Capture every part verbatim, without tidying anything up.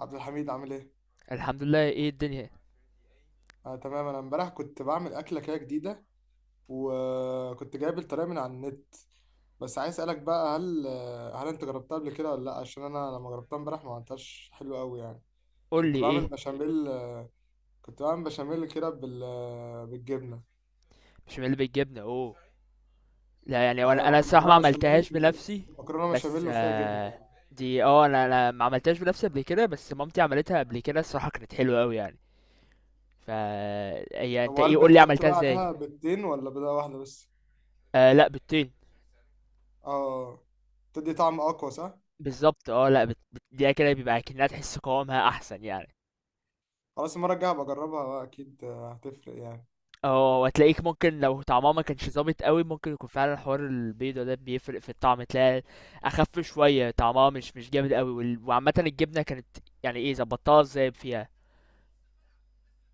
عبد الحميد عامل ايه؟ الحمد لله. ايه الدنيا؟ آه، تمام. انا امبارح كنت بعمل اكله كده جديده، وكنت جايب الطريقه من على النت. بس عايز اسالك بقى، هل آه، هل انت جربتها قبل كده ولا لا؟ عشان انا لما جربتها امبارح ما عملتهاش حلو قوي يعني. قول لي كنت بعمل ايه. بشاميل. آه، كنت بعمل بشاميل كده بال آه، بالجبنه. مش من اللي بتجيبنا؟ اوه، لا يعني اه وانا يعني انا مك- الصراحه ما مكرونه بشاميل عملتهاش و- بنفسي. مكرونه بس بشاميل وفيها جبنه آه يعني. دي، اه، انا انا ما عملتهاش بنفسي قبل كده، بس مامتي عملتها قبل كده الصراحه، كانت حلوه قوي يعني. فا هي طب انت وهل ايه؟ قول لي بتحط عملتها بقى ازاي. عليها بيضتين ولا بيضه واحده بس؟ آه لا بالطين. اه، تدي طعم اقوى صح؟ بالظبط. اه لا بت... بت... دي كده بيبقى كأنها تحس قوامها احسن يعني. خلاص، المره الجايه هبقى اجربها بقى، اكيد آه، هتفرق يعني. اه وهتلاقيك ممكن لو طعمها ما كانش ظابط قوي، ممكن يكون فعلا حوار البيضة ده بيفرق في الطعم، تلاقي اخف شوية، طعمها مش مش جامد قوي. وال- وعامة الجبنة كانت يعني ايه، ظبطتها ازاي فيها؟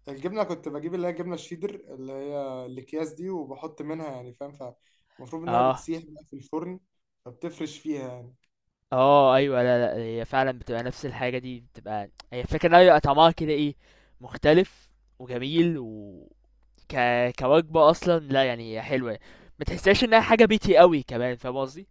الجبنه كنت بجيب اللي هي الجبنه الشيدر، اللي هي الاكياس دي، وبحط منها يعني، فاهم؟ فالمفروض انها اه بتسيح بقى في الفرن، فبتفرش فيها يعني. اه ايوه. لا لا، هي فعلا بتبقى نفس الحاجة دي، بتبقى هي الفكرة ان هي بيبقى طعمها كده ايه، مختلف وجميل و ك... كوجبة اصلا، لا يعني هي حلوة، ما تحسهاش انها حاجة بيتي قوي كمان، فاهم قصدي؟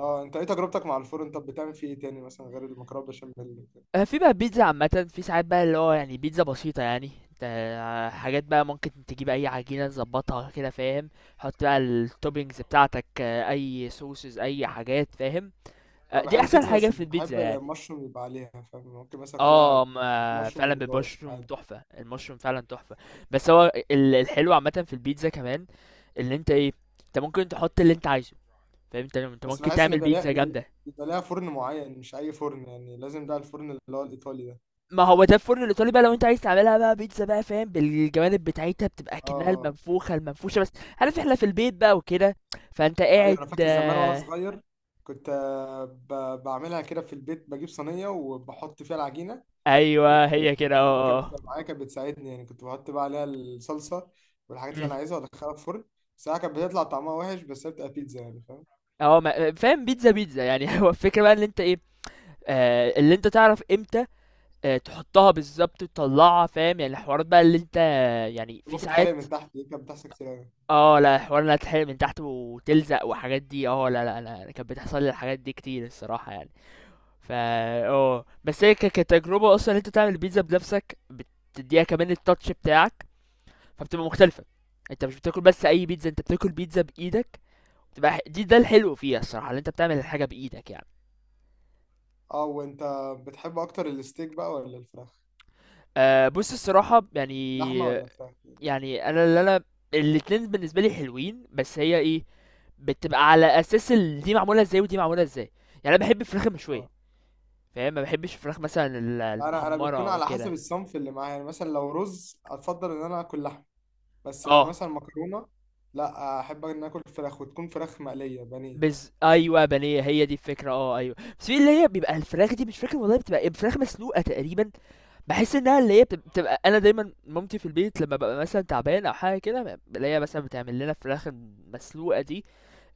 اه، انت ايه تجربتك مع الفرن؟ طب بتعمل فيه ايه تاني مثلا غير المكرونه بشاميل وكده؟ آه، في بقى بيتزا عامة، في ساعات بقى اللي هو يعني بيتزا بسيطة يعني، انت آه، حاجات بقى ممكن تجيب اي عجينة تظبطها كده فاهم، حط بقى التوبينجز بتاعتك، آه، اي سوسز اي حاجات فاهم. آه، انا دي بحب احسن بيتزا، حاجة بس في مش البيتزا بحب يعني. مشروم يبقى عليها، فاهم؟ ممكن مثلا اه اكلها م- آه، مشروم فعلا وخضار بالمشروم عادي. تحفة، المشروم فعلا تحفة. بس هو ال- الحلو عامة في البيتزا كمان، اللي انت ايه، انت ممكن تحط اللي انت عايزه، فاهم؟ انت انت بس ممكن بحس ان تعمل بيبقى ليها بيتزا بيبقى ليها جامدة. بيبقى ليها فرن معين، مش اي فرن يعني. لازم بقى الفرن اللي هو الايطالي ده. ما هو ده الفرن الايطالي بقى، لو انت عايز تعملها بقى بيتزا بقى فاهم، بالجوانب بتاعتها بتبقى اه كأنها آه. المنفوخه المنفوشه بس. عارف احنا في البيت بقى وكده، فانت ايوه، قاعد انا فاكر زمان وانا آه، صغير كنت آه، ب- بعملها كده في البيت، بجيب صينيه وبحط فيها العجينه، ايوه هي كده وماما اه كانت اه. بتبقى معايا، كانت بتساعدني يعني. كنت بحط بقى عليها الصلصه والحاجات اللي مم. انا عايزها وادخلها الفرن. ساعة كانت بتطلع طعمها وحش، بس هي بتبقى بيتزا يعني، فاهم؟ اه ما- فاهم، بيتزا بيتزا يعني هو الفكره بقى ان انت ايه، آه اللي انت تعرف امتى، آه تحطها بالظبط تطلعها، فاهم يعني الحوارات بقى اللي انت يعني في ممكن ساعات. تحرق من تحت، دي كانت بتحصل كتير أوي. اه لا، حوار انها تتحرق من تحت وتلزق وحاجات دي، اه لا لا انا، أنا كانت بتحصل لي الحاجات دي كتير الصراحه يعني. فا اه بس هي ك- كتجربة اصلا انت تعمل البيتزا بنفسك، بتديها كمان التاتش بتاعك، فبتبقى مختلفة، انت مش بتاكل بس اي بيتزا، انت بتاكل بيتزا بايدك، تبقى ح- دي ده الحلو فيها الصراحة، اللي انت بتعمل الحاجة بايدك يعني. اه، وانت بتحب اكتر الستيك بقى ولا الفراخ؟ أه بص الصراحة يعني، لحمه ولا فراخ يعني؟ يعني انا اللي انا الاتنين بالنسبة لي حلوين، بس هي ايه، بتبقى على اساس ال- دي معمولة ازاي ودي معمولة ازاي، يعني انا بحب الفراخ اه، المشوية، فاهم؟ ما بحبش الفراخ مثلا ال- انا انا المحمرة بتكون او على حسب كده. الصنف اللي معايا يعني. مثلا لو رز، اتفضل ان انا اكل لحمه. بس لو اه مثلا مكرونه، لا، احب ان اكل فراخ، وتكون فراخ مقليه بانيه. بز ايوه بانيه، هي دي الفكره اه ايوه، بس في اللي هي بيبقى الفراخ دي مش فاكر والله بتبقى إيه، فراخ مسلوقه تقريبا، بحس انها اللي هي بتب- بتبقى، انا دايما مامتي في البيت لما ببقى مثلا تعبان او حاجه كده، بلاقيها مثلا بتعمل لنا فراخ مسلوقه دي،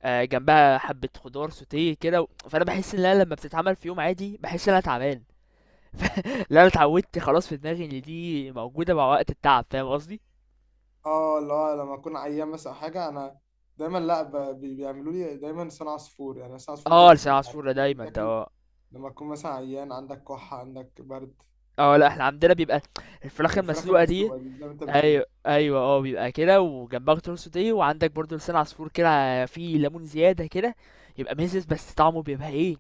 آه، جنبها حبه خضار سوتيه كده و- فانا بحس ان انا لما بتتعمل في يوم عادي بحس ان انا تعبان. ف- لا انا اتعودت خلاص، في دماغي ان دي موجوده مع وقت التعب، فاهم قصدي؟ اه لا، لما اكون عيان مثلا أو حاجه، انا دايما لا، ب- بي- بيعملوا لي دايما لسان عصفور يعني. لسان عصفور اه ده لسان معروف عصفور ده إنه دايما ده بيتاكل اه. لما تكون مثلا عيان، عندك كحه، عندك برد. اه لا، احنا عندنا بيبقى الفراخ وفراخ المسلوقه دي. المسلوقه دي زي ما انت بتقول. ايوه ايوه اه، بيبقى كده وجنبها خضار سوتيه، وعندك برضو لسان عصفور كده فيه ليمون زياده كده، يبقى مزز، بس طعمه بيبقى ايه،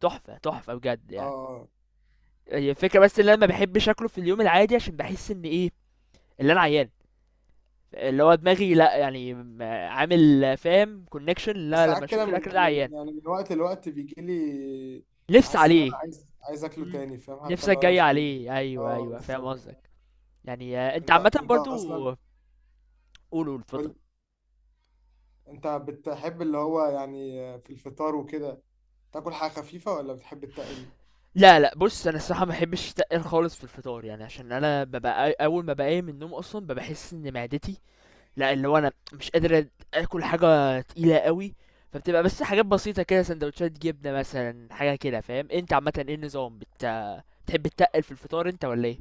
تحفه تحفه بجد يعني. اه، هي الفكره بس ان انا ما بحبش اكله في اليوم العادي، عشان بحس ان ايه، اللي انا عيان، اللي هو دماغي، لا يعني م- عامل فاهم كونكشن، بس لا لما ساعات كده اشوف الاكل ده من عيان. من يعني، من وقت لوقت بيجي لي نفس حاسس ان انا عليه. عايز عايز اكله مم. تاني، فاهم؟ حتى نفسك لو انا جاي مش عايز. عليه، ايوه اه ايوه فاهم بالظبط. قصدك. يعني آه، انت انت عامه انت برضو اصلا قول. قول اتفضل. قول. انت بتحب اللي هو يعني في الفطار وكده تاكل حاجه خفيفه ولا بتحب التقل؟ لا لأ، بُص أنا الصراحة ما باحبش التقّل خالص في الفطار، يعني عشان أنا بابقى أ أول ما باقوم من النوم أصلًا بابقى باحس إن معدتي لأ، اللي هو أنا مش قادر أد آكل حاجة تقيلة أوي، فبتبقى بس حاجات بسيطة كده، ساندوتشات جبنة مثلًا، حاجة كده فاهم؟ أنت عامةً إيه النظام، بت بتحب تتقّل في الفطار أنت والّا إيه؟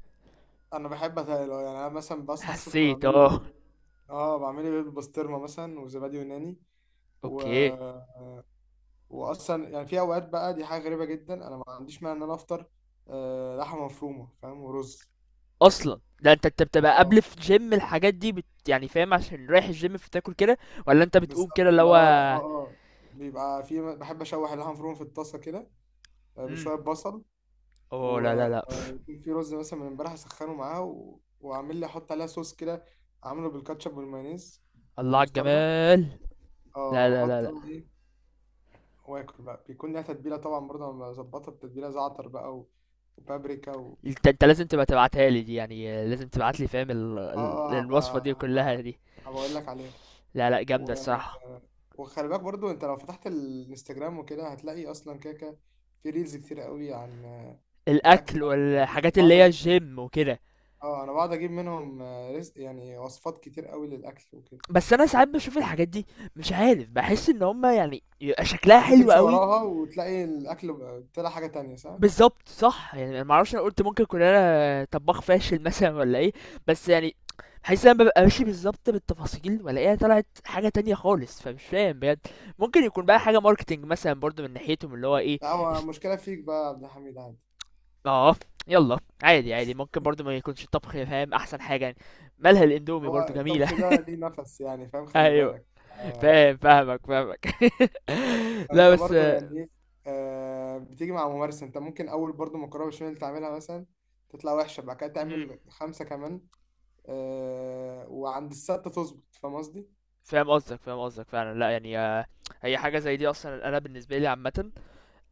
انا بحب اتقل اه. يعني انا مثلا بصحى الصبح حسيت بعمل لي آه، بيض. اه، بعمل لي بيض بسطرمه مثلا وزبادي يوناني و... أوكي. واصلا يعني، في اوقات بقى، دي حاجه غريبه جدا، انا ما عنديش مانع ان انا افطر آه لحمه مفرومه، فاهم؟ ورز. أصلًا! ده أنت أنت بتبقى قبل اه في الGym، الحاجات دي بت يعني فاهم عشان رايح الGym فتاكل كده، والّا أنت بتقوم كده بالظبط. اللي لا هو اه اه، بيبقى في، بحب اشوح اللحمه المفرومه في الطاسه كده، آه، إمم، بشويه بصل، أوه! لا، و- لا، لأ، ويكون في رز مثلا من امبارح اسخنه معاه، و... واعمل لي، احط عليها صوص كده، اعمله بالكاتشب والمايونيز الله على والمستردة. الجمال. اه، لا لا لا واحط لا بقى ايه، واكل بقى. بيكون ليها تتبيله طبعا برضه، انا بظبطها بتتبيله زعتر بقى، و... وبابريكا و... انت انت لازم تبقى تبعتها لي دي، يعني لازم تبعت لي فاهم ال... ال- اه اه، الوصفة هبقى دي كلها هبقى دي. هبقى اقول لك عليها. لا لا جامدة و... الصراحة. وخلي بالك برضه، انت لو فتحت الانستجرام وكده، هتلاقي اصلا كده كده في ريلز كتير قوي عن آه، الاكل. الأكل يعني والحاجات اللي بقعد هي اجيب. الجيم وكده. اه، انا بقعد اجيب منهم آه، رزق يعني، وصفات كتير قوي للاكل وكده. بس أنا ساعات بشوف الحاجات دي مش عارف، بحس إن هما يعني يبقى شكلها ساعات حلو بتمشي قوي. وراها وتلاقي الاكل بقى- طلع حاجه تانية، صح؟ بالظبط صح، يعني أنا معرفش، أنا قلت ممكن أكون أنا طباخ فاشل مثلا ولا إيه، بس يعني بحس إن أنا ببقى ماشي بالظبط بالتفاصيل وألاقيها طلعت حاجة تانية خالص، فمش فاهم بجد، ممكن يكون بقى حاجة ماركتينج مثلا برضو من ناحيتهم اللي هو إيه. لا، هو مشكله فيك بقى يا عبد الحميد، عادي. اه يلا عادي عادي، ممكن برضو ما يكونش الطبخ فاهم احسن حاجه يعني، مالها الاندومي هو برضو جميله. الطبخ ده ليه نفس يعني، فاهم؟ خلي ايوه. بالك. آه فاهم، فاهمك فاهمك لا انت بس برضو آه، يعني ايه، آه بتيجي مع ممارسه. انت ممكن اول برضو مكرونه بشاميل تعملها مثلا، تطلع وحشه، بعد كده مم. تعمل خمسه كمان، آه وعند السته تظبط، فاهم قصدي؟ فاهم قصدك، فاهم قصدك فعلا، لا يعني آه، هي حاجه زي دي اصلا انا بالنسبه لي عامه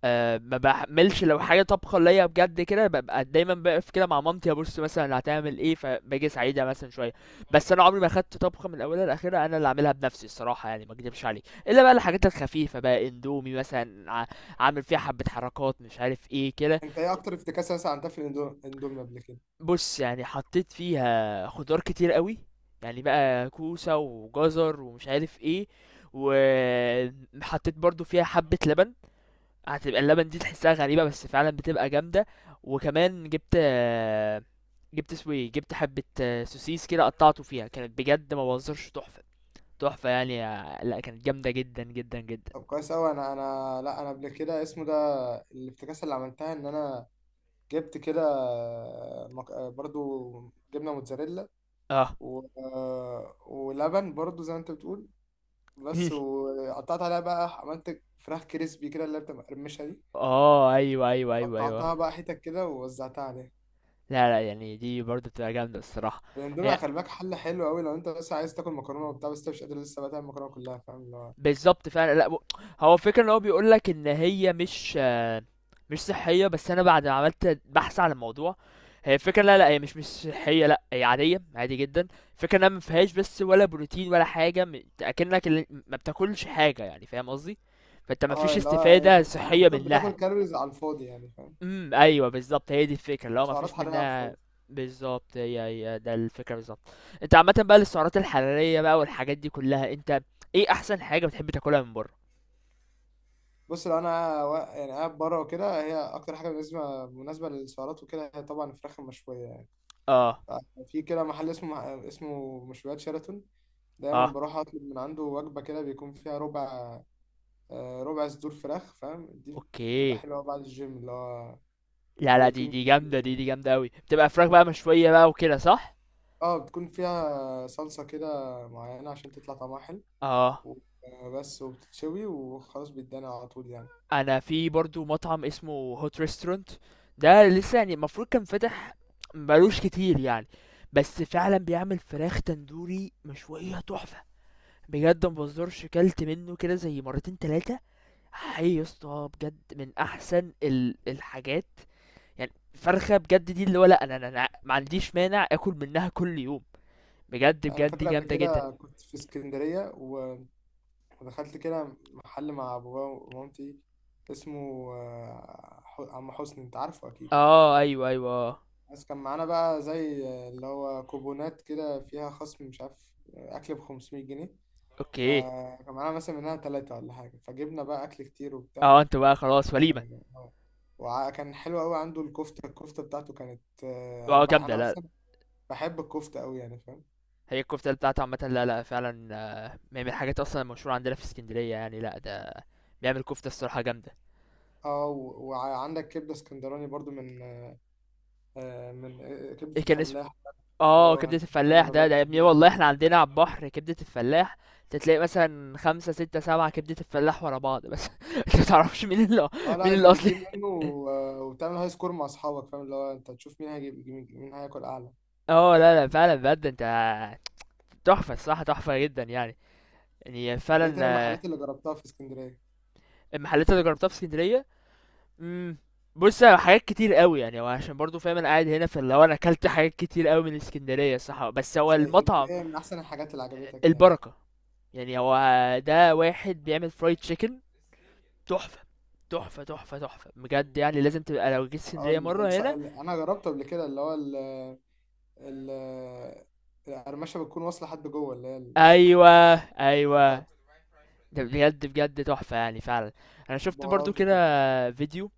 آه ما بحملش، لو حاجه طبخه ليا بجد كده ببقى دايما بقف كده مع مامتي ابص مثلا اللي هتعمل ايه، فباجي اساعدها مثلا شويه، بس انا عمري ما خدت طبخه من اولها لاخرها انا اللي اعملها بنفسي الصراحه يعني، ما اكدبش عليك الا بقى الحاجات الخفيفه، بقى اندومي مثلا ع- عامل فيها حبه حركات مش عارف ايه كده. انت ايه اكتر افتكاسه مثلا عملتها في الاندو- الاندومي قبل كده؟ بص يعني حطيت فيها خضار كتير قوي، يعني بقى كوسه وجزر ومش عارف ايه، وحطيت برضو فيها حبه لبن، هتبقى اللبن دي تحسها غريبة بس فعلا بتبقى جامدة، وكمان جبت آه، جبت اسمه ايه، جبت حبة آه، سوسيس كده قطعته فيها، كانت بجد ما بهزرش تحفة، تحفة يعني آه، لا كانت جامدة جدا جدا جدا. طب كويس قوي. انا انا لا، انا قبل كده اسمه ده، الافتكاسة اللي عملتها إن أنا جبت كده آه، مك- آه، برضو جبنة موتزاريلا اه و... ولبن برضو زي ما أنت بتقول، بس، وقطعت عليها بقى، عملت فراخ كريسبي كده، اللي هي بتبقى مقرمشة دي، اه ايوه ايوه ايوه ايوه قطعتها بقى حتت كده ووزعتها عليها. لا لا، يعني دي برضه بتبقى جامدة الصراحة. الاندومي هي خلي بالك، حل حلو قوي لو انت بس عايز تاكل مكرونه وبتاع، بس انت مش قادر لسه بقى تعمل المكرونه كلها، فاهم اللي هو؟ بالضبط فعلًا، لأ و هو الفكرة إن هو بيقول لك إن هي مش مش صحية، بس أنا بعد ما عملت بحث عن الموضوع، هي الفكرة لا، لأ، هي مش مش صحية لأ، هي عادية، عادي جدًا، الفكرة إنها ما فيهاش بس ولا بروتين ولا حاجة، م أكنك ال ما بتاكلش حاجة يعني فاهم قصدي؟ فأنت ما فيش اه، اللي هو انت استفادة صحية بتاكل بتاكل منها. كالوريز على الفاضي يعني، فاهم؟ إمم، أيوه بالضبط، هي دي الفكرة، اللي هو ما سعرات فيش حراريه على منها. الفاضي. بالضبط، هي هي ده الفكرة بالضبط. أنت عامةً بقى للسعرات الحرارية بقى والحاجات دي كلها، أنت إيه أحسن حاجة بتحب تاكلها من برّه؟ بص، لو انا وا- يعني قاعد بره وكده، هي اكتر حاجه بالنسبه مناسبه للسعرات وكده هي طبعا الفراخ المشويه يعني. اه. آه، في كده محل اسمه اسمه مشويات شيراتون، دايما اه. بروح اطلب من عنده وجبه كده، بيكون فيها ربع، آه، ربع صدور فراخ، فاهم دي؟ بتبقى اوكي. حلوه بعد الجيم، اللي هو لا لا، دي بروتين، دي جامدة، بروتين دي يعني. دي جامدة أوي، بتبقى فراخ بقى مشوية بقى وكده صح؟ اه، بتكون فيها صلصه كده معينه عشان تطلع طعمها حلو، اه. و- آه، بس، وبتتشوي وخلاص، بيتدانى على طول يعني. أنا في برضو مطعم اسمه هوت ريستورانت، ده لسه يعني، المفروض كان فاتح مبقالوش كتير يعني، بس فعلا بيعمل فراخ تندوري مشوية تحفة، بجد ما بهزرش، كلت منه كده زي مرتين تلاتة، حي يا اسطى بجد من أحسن ال- الحاجات، يعني فرخة بجد دي، اللي هو لأ أنا أنا أنا ما عنديش مانع آكل منها كل يوم، بجد انا بجد دي فاكر قبل جامدة جدًا. كده كنت في اسكندريه، و فدخلت كده محل مع بابا ومامتي، اسمه آه، ح- عم حسني، انت عارفه اكيد. آه، أيوه، أيوه، آه، بس كان معانا بقى زي آه، اللي هو كوبونات كده فيها خصم، مش عارف، آه، اكل ب خمسمائة جنيه. أوكي. فكان معانا مثلا منها ثلاثة ولا حاجة، فجبنا بقى أكل كتير وبتاع. آه، أنتم بقى خلاص وليمة. آه، وكان حلو قوي عنده الكفتة الكفتة بتاعته كانت آه، أنا آه، بح جامدة أنا لأ. أصلا بحب الكفتة قوي يعني، فاهم؟ هي الكفتة بتاعته عامةً، لأ، لأ، فعلًا آه، من من الحاجات أصلًا المشهورة عندنا في إسكندرية يعني، لأ، ده بيعمل كفتة الصراحة جامدة. اه، و- وعندك كبدة اسكندراني برضو من آه، من آه، إيه كبدة كان اسمه؟ الفلاح. آه، اه، كبدة انا دايما الفلاح لما ده، باجي ده يا ابني بجيب من والله عنده. إحنا عندنا على البحر كبدة الفلاح، تلاقي مثلًا خمسة، ستة، سبعة كبدة الفلاح ورا بعض مثلًا، أنت ما تعرفش مين ال اه لا، مين انت الأصلي. بتجيب منه. آه، وبتعمل هاي سكور مع اصحابك، فاهم اللي هو؟ انت تشوف مين هيجيب، مين مين هياكل اعلى. آه، لأ، لأ، فعلًا بجد أنت، تحفة الصراحة تحفة جدًا يعني. يعني انت فعلًا. ايه تاني المحلات اللي جربتها في اسكندريه؟ المحلات اللي جربتها في اسكندريه. امم، بص على حاجات كتير قوي يعني، هو عشان برضو فاهم انا قاعد هنا، فاللي هو انا اكلت حاجات كتير قوي من اسكندريه صح، بس هو زي ايه؟ طب المطعم ايه من احسن الحاجات اللي عجبتك يعني؟ البركه، يعني هو ده واحد بيعمل فرايد تشيكن تحفه، تحفه تحفه تحفه بجد يعني، لازم تبقى لو جيت اه، اسكندريه ال... مره الس- هنا. ال... انا جربته قبل كده، اللي هو ال... ال... القرمشه بتكون واصله لحد جوه، اللي هي ال- ايوه. ايوه. بتاعت ده بجد بجد تحفه يعني فعلا. انا شفت برضو بهارات كده وكده. فيديو،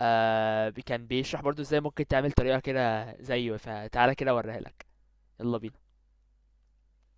آه بي- كان بيشرح برضو ازاي ممكن تعمل طريقه كده زيه، فتعالى كده اوريها لك. يلا بينا.